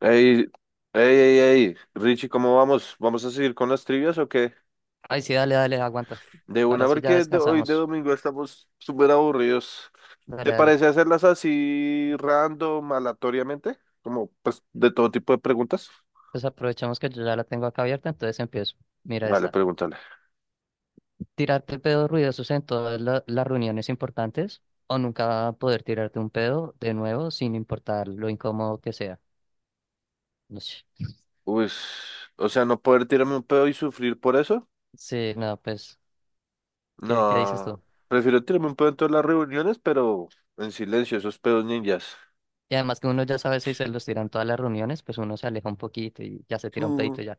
Ey, ey, ey, ey, Richie, ¿cómo vamos? ¿Vamos a seguir con las trivias o qué? Ay, sí, dale, dale, aguanta. De una, Ahora sí ya porque de hoy de descansamos. domingo estamos súper aburridos. ¿Te Dale, dale. parece hacerlas así random, aleatoriamente? Como, pues, de todo tipo de preguntas. Pues aprovechamos que yo ya la tengo acá abierta, entonces empiezo. Mira Vale, esta. pregúntale. Tirarte pedos ruidosos en todas las reuniones importantes o nunca poder tirarte un pedo de nuevo sin importar lo incómodo que sea. Ush. Uy, o sea, no poder tirarme un pedo y sufrir por eso. Sí, no, pues, ¿qué dices tú? No, prefiero tirarme un pedo en todas las reuniones, pero en silencio, esos pedos ninjas. Y además que uno ya sabe si se los tiran todas las reuniones, pues uno se aleja un poquito y ya se tira un Mm. pedito y ya.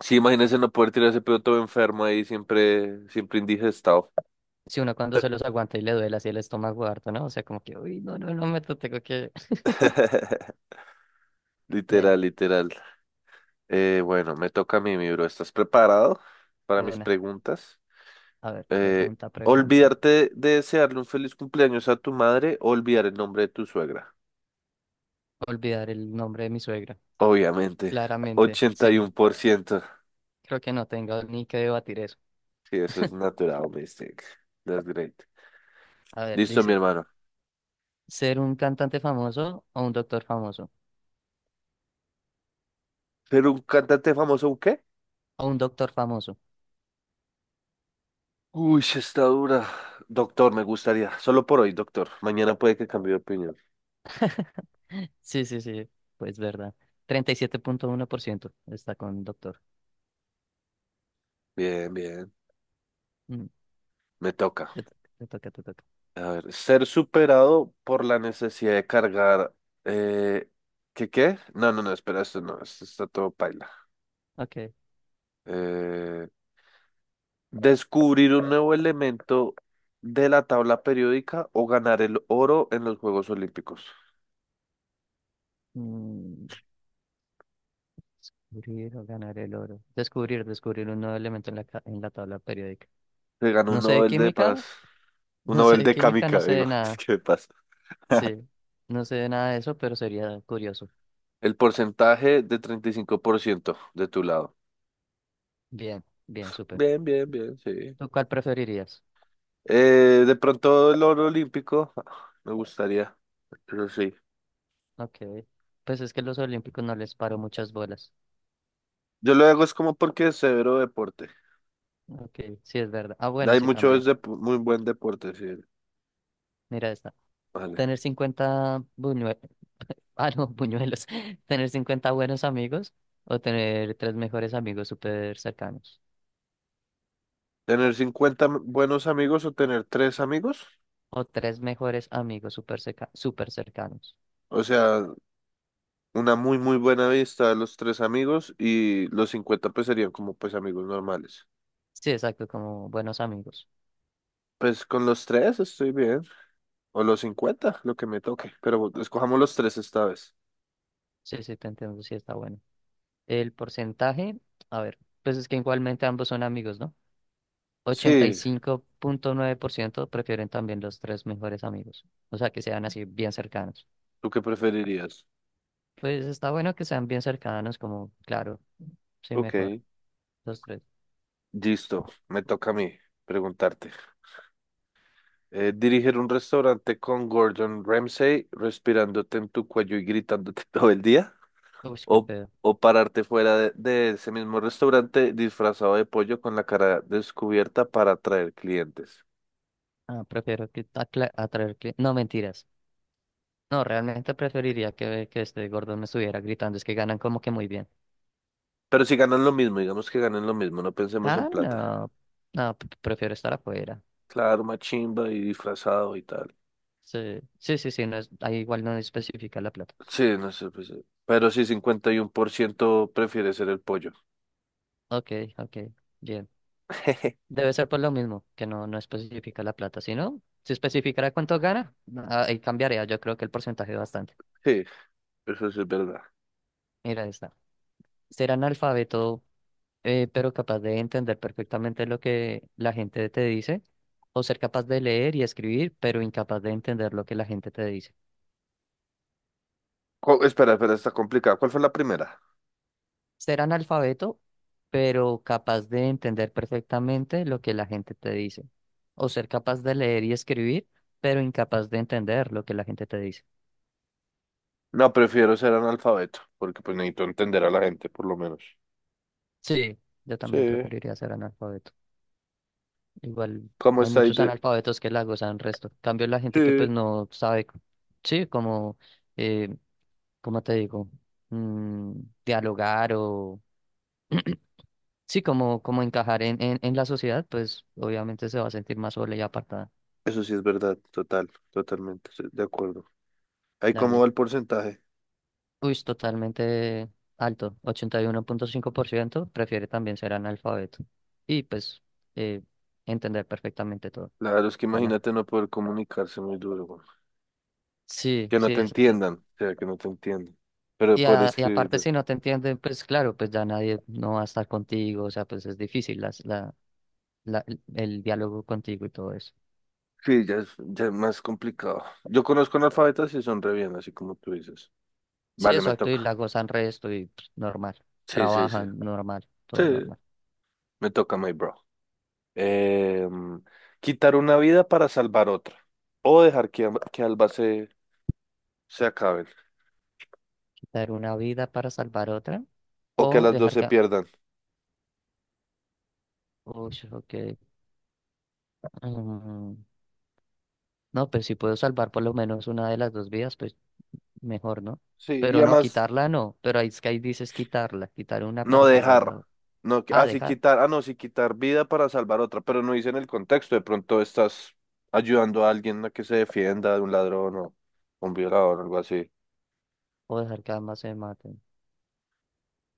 Sí, imagínese no poder tirar ese pedo todo enfermo ahí, siempre, siempre indigestado. Si uno cuando se los aguanta y le duele así el estómago harto, ¿no? O sea, como que, uy, no me tengo que... Ven, Literal, literal. Bueno, me toca a mí, mi bro. ¿Estás preparado para de mis una. preguntas? A ver, Eh, pregunta. Olvidarte de desearle un feliz cumpleaños a tu madre o olvidar el nombre de tu suegra. Olvidar el nombre de mi suegra. Obviamente, Claramente, ochenta y sí. uno por ciento. Creo que no tengo ni que debatir eso. Sí, eso es natural, mistake. That's great. A ver, Listo, mi dice, hermano. ¿ser un cantante famoso o un doctor famoso? ¿Pero un cantante famoso, un qué? O un doctor famoso. Uy, sí está dura. Doctor, me gustaría. Solo por hoy, doctor. Mañana puede que cambie de opinión. Sí, sí, sí. Pues verdad. 37.1% está con doctor. Bien, bien. Mm, Me toca. Te toca. A ver, ser superado por la necesidad de cargar. Eh, ¿qué? No, no, no, espera, esto no, esto está todo paila. Ok. Eh, Descubrir un nuevo elemento de la tabla periódica o ganar el oro en los Juegos Olímpicos. Mm, descubrir o ganar el oro. Descubrir un nuevo elemento en en la tabla periódica. Se ganó un No sé de Nobel de Paz, química, un no sé Nobel de de química, Kamika, no sé digo, de es nada. que de paz. Sí, no sé nada de eso, pero sería curioso. El porcentaje de 35% de tu lado. Bien, bien, súper. Bien, bien, bien, sí. ¿Tú cuál preferirías? Eh, de pronto el oro olímpico, ah, me gustaría, pero sí. Ok, pues es que los olímpicos no les paro muchas bolas. Yo lo hago es como porque es severo deporte. Ok, sí es verdad. Ah, bueno, Hay sí mucho también. es de muy buen deporte, sí. Mira esta. Vale. Tener 50 buñuelos, ah, no, buñuelos. Tener 50 buenos amigos o tener tres mejores amigos súper cercanos. Tener 50 buenos amigos o tener tres amigos. O tres mejores amigos súper cercanos. O sea, una muy muy buena vista de los tres amigos y los 50 pues serían como pues amigos normales. Sí, exacto, como buenos amigos. Pues con los tres estoy bien. O los 50 lo que me toque. Pero escojamos los tres esta vez. Sí, sí, te entiendo, sí está bueno. El porcentaje, a ver, pues es que igualmente ambos son amigos, ¿no? Ochenta y Sí, cinco punto nueve por ciento prefieren también los tres mejores amigos, o sea, que sean así bien cercanos. ¿tú qué preferirías? Pues está bueno que sean bien cercanos, como, claro, sí, Ok, mejor, los tres. listo, me toca a mí preguntarte. Dirigir un restaurante con Gordon Ramsay, respirándote en tu cuello y gritándote todo el día. Uy, qué O, pedo. o pararte fuera de ese mismo restaurante disfrazado de pollo con la cara descubierta para atraer clientes. Ah, prefiero que No, mentiras. No, realmente preferiría que este gordo me estuviera gritando, es que ganan como que muy bien. Pero si ganan lo mismo, digamos que ganan lo mismo, no pensemos en Ah, plata. no, prefiero estar afuera. Claro, machimba y disfrazado y tal. Sí, sí, sí, sí, no es, ahí igual no especifica la plata. Sí, no sé, pues, pero sí, 51% prefiere ser el pollo. Ok, ok, bien. Debe ser por lo mismo, que no especifica la plata. Si no, si especificara cuánto gana, ah, ahí cambiaría. Yo creo que el porcentaje bastante. Sí, eso sí es verdad. Mira esta. Ser analfabeto, pero capaz de entender perfectamente lo que la gente te dice. O ser capaz de leer y escribir, pero incapaz de entender lo que la gente te dice. Espera, espera, está complicado. ¿Cuál fue la primera? Ser analfabeto, pero capaz de entender perfectamente lo que la gente te dice. O ser capaz de leer y escribir, pero incapaz de entender lo que la gente te dice. No, prefiero ser analfabeto, porque pues necesito entender a la gente, por lo menos. Sí, yo también Sí. preferiría ser analfabeto. Igual ¿Cómo hay está ahí muchos de...? analfabetos que la gozan resto. En cambio, la gente que pues Sí. no sabe, sí, como, eh, ¿cómo te digo? Mm, dialogar o, sí, como, como encajar en la sociedad, pues obviamente se va a sentir más sola y apartada. Eso sí es verdad, total, totalmente, sí, de acuerdo. ¿Ahí cómo Dale. va el porcentaje? Uy, es totalmente alto. Ochenta y uno punto cinco por ciento prefiere también ser analfabeto. Y pues eh, entender perfectamente todo. Claro, es que Ojalá. imagínate no poder comunicarse muy duro, güey. Sí, Que no sí, te exacto. entiendan, o sea, que no te entiendan. Pero Y, poder y aparte, escribir, si no te entienden, pues claro, pues ya nadie no va a estar contigo, o sea, pues es difícil el diálogo contigo y todo eso. sí, ya es más complicado. Yo conozco analfabetas y son re bien, así como tú dices. Sí, Vale, me exacto, y la toca. gozan resto y pues, normal, Sí, sí, sí. trabajan normal, todo Sí, normal. me toca, my bro. Em, Quitar una vida para salvar otra. O dejar que ambas se acaben. Quitar una vida para salvar otra O que o las dos dejar se que... pierdan. Uy, ok. Mm, no, pues si puedo salvar por lo menos una de las dos vidas, pues mejor, ¿no? Sí, y Pero no, además, quitarla no, pero ahí es que ahí dices quitarla, quitar una no para salvar dejar. la otra. No, Ah, ah, sí, dejar quitar. Ah, no, sí, quitar vida para salvar otra. Pero no dicen el contexto. De pronto estás ayudando a alguien a que se defienda de un ladrón o un violador o algo así. o dejar que ambas se maten.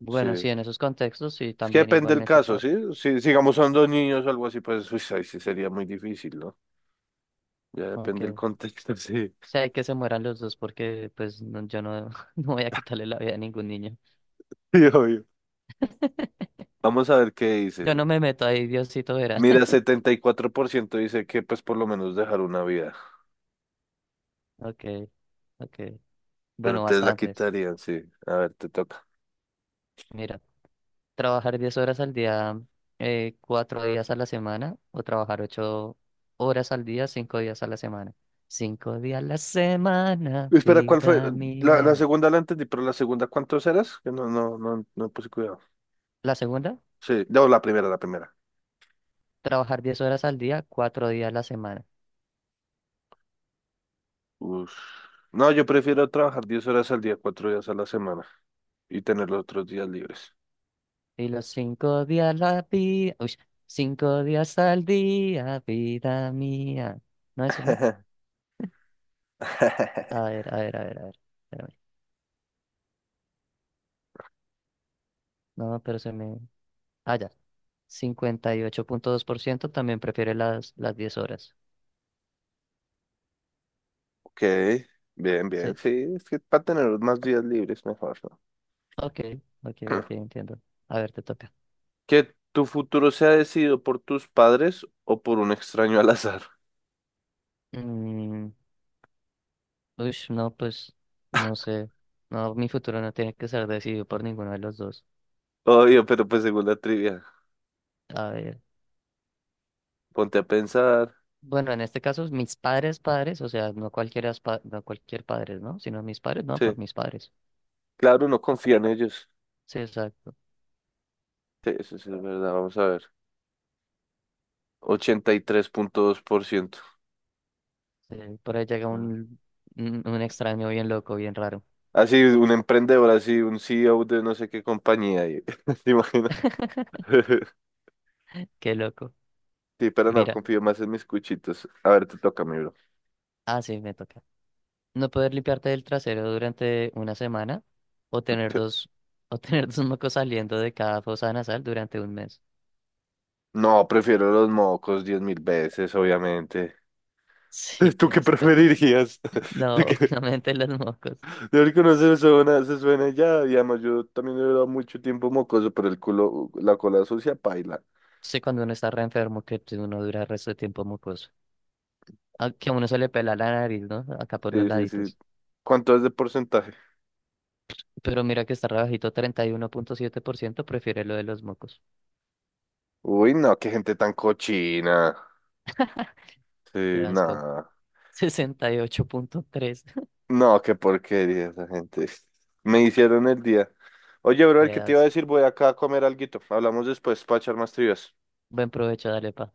Bueno, Sí. sí, en esos contextos y Es que también depende del igualmente caso, por, ¿sí? Si, digamos, son dos niños o algo así, pues uy, ahí sí sería muy difícil, ¿no? Ya depende del aunque contexto, sí. sé que se mueran los dos porque pues yo no, no voy a quitarle la vida a ningún niño. Sí, obvio. Vamos a ver qué Yo dice. no me meto ahí, Diosito verá. Mira, 74% dice que pues por lo menos dejar una vida, Ok, ok. pero Bueno, te la bastantes. quitarían, sí. A ver, te toca. Mira, trabajar 10 horas al día, 4 días a la semana o trabajar 8 horas al día, 5 días a la semana. Cinco días a la semana, Espera, ¿cuál fue? vida La mía. segunda la entendí, pero la segunda, ¿cuántos eras? Que no, no, no, no puse cuidado. La segunda, Sí, no, la primera, la primera. trabajar 10 horas al día, 4 días a la semana. Uf. No, yo prefiero trabajar 10 horas al día, 4 días a la semana y tener los otros días libres. Y los cinco días la vida, uy, cinco días al día, vida mía. No, eso no. A ver, a ver, a ver, a ver, espérame. No, pero se me. Ah, ya. Cincuenta y ocho punto dos por ciento también prefiere las 10 horas. Ok, bien, bien, Sí. sí, es que para tener más días libres mejor, ¿no? Ok, ok, ok, entiendo. A ver, te toca. Que tu futuro sea decidido por tus padres o por un extraño al azar. Mm, uy, no, pues, no sé. No, mi futuro no tiene que ser decidido por ninguno de los dos. Obvio, pero pues según la trivia, A ver. ponte a pensar. Bueno, en este caso, padres, o sea, no cualquiera, no cualquier padres, ¿no? Sino mis padres, no, Sí, por mis padres. claro, no confía en ellos. Sí, exacto. Sí, eso sí es verdad, vamos a ver. 83.2%. Sí, por ahí llega Ah. un, un extraño bien loco, bien raro. Así, un emprendedor, así, un CEO de no sé qué compañía. ¿Te imaginas? Qué loco. Sí, pero no, Mira, confío más en mis cuchitos. A ver, te toca, mi bro. ah, sí, me toca. No poder limpiarte del trasero durante una semana o tener dos, o tener dos mocos saliendo de cada fosa nasal durante un mes. No, prefiero los mocos 10.000 veces, obviamente. Sí, ¿Tú qué qué asco. preferirías? No, ¿De qué? obviamente los mocos. Deber se suena ya, digamos, yo también he durado mucho tiempo mocoso, pero el culo, la cola sucia, paila. Sí, cuando uno está re enfermo, que uno dura el resto de tiempo mocoso. A que a uno se le pela la nariz, ¿no? Acá por los Sí, sí, sí. laditos. ¿Cuánto es de porcentaje? Pero mira que está rebajito, treinta y uno punto siete por ciento prefiere lo de los mocos. Uy, no, qué gente tan cochina. Qué Sí, asco. nada. 68.3. No, qué porquería esa gente. Me hicieron el día. Oye, brother, Qué ¿qué te iba a asco. decir? Voy acá a comer alguito. Hablamos después para echar más trivias. Buen provecho, dale, pa.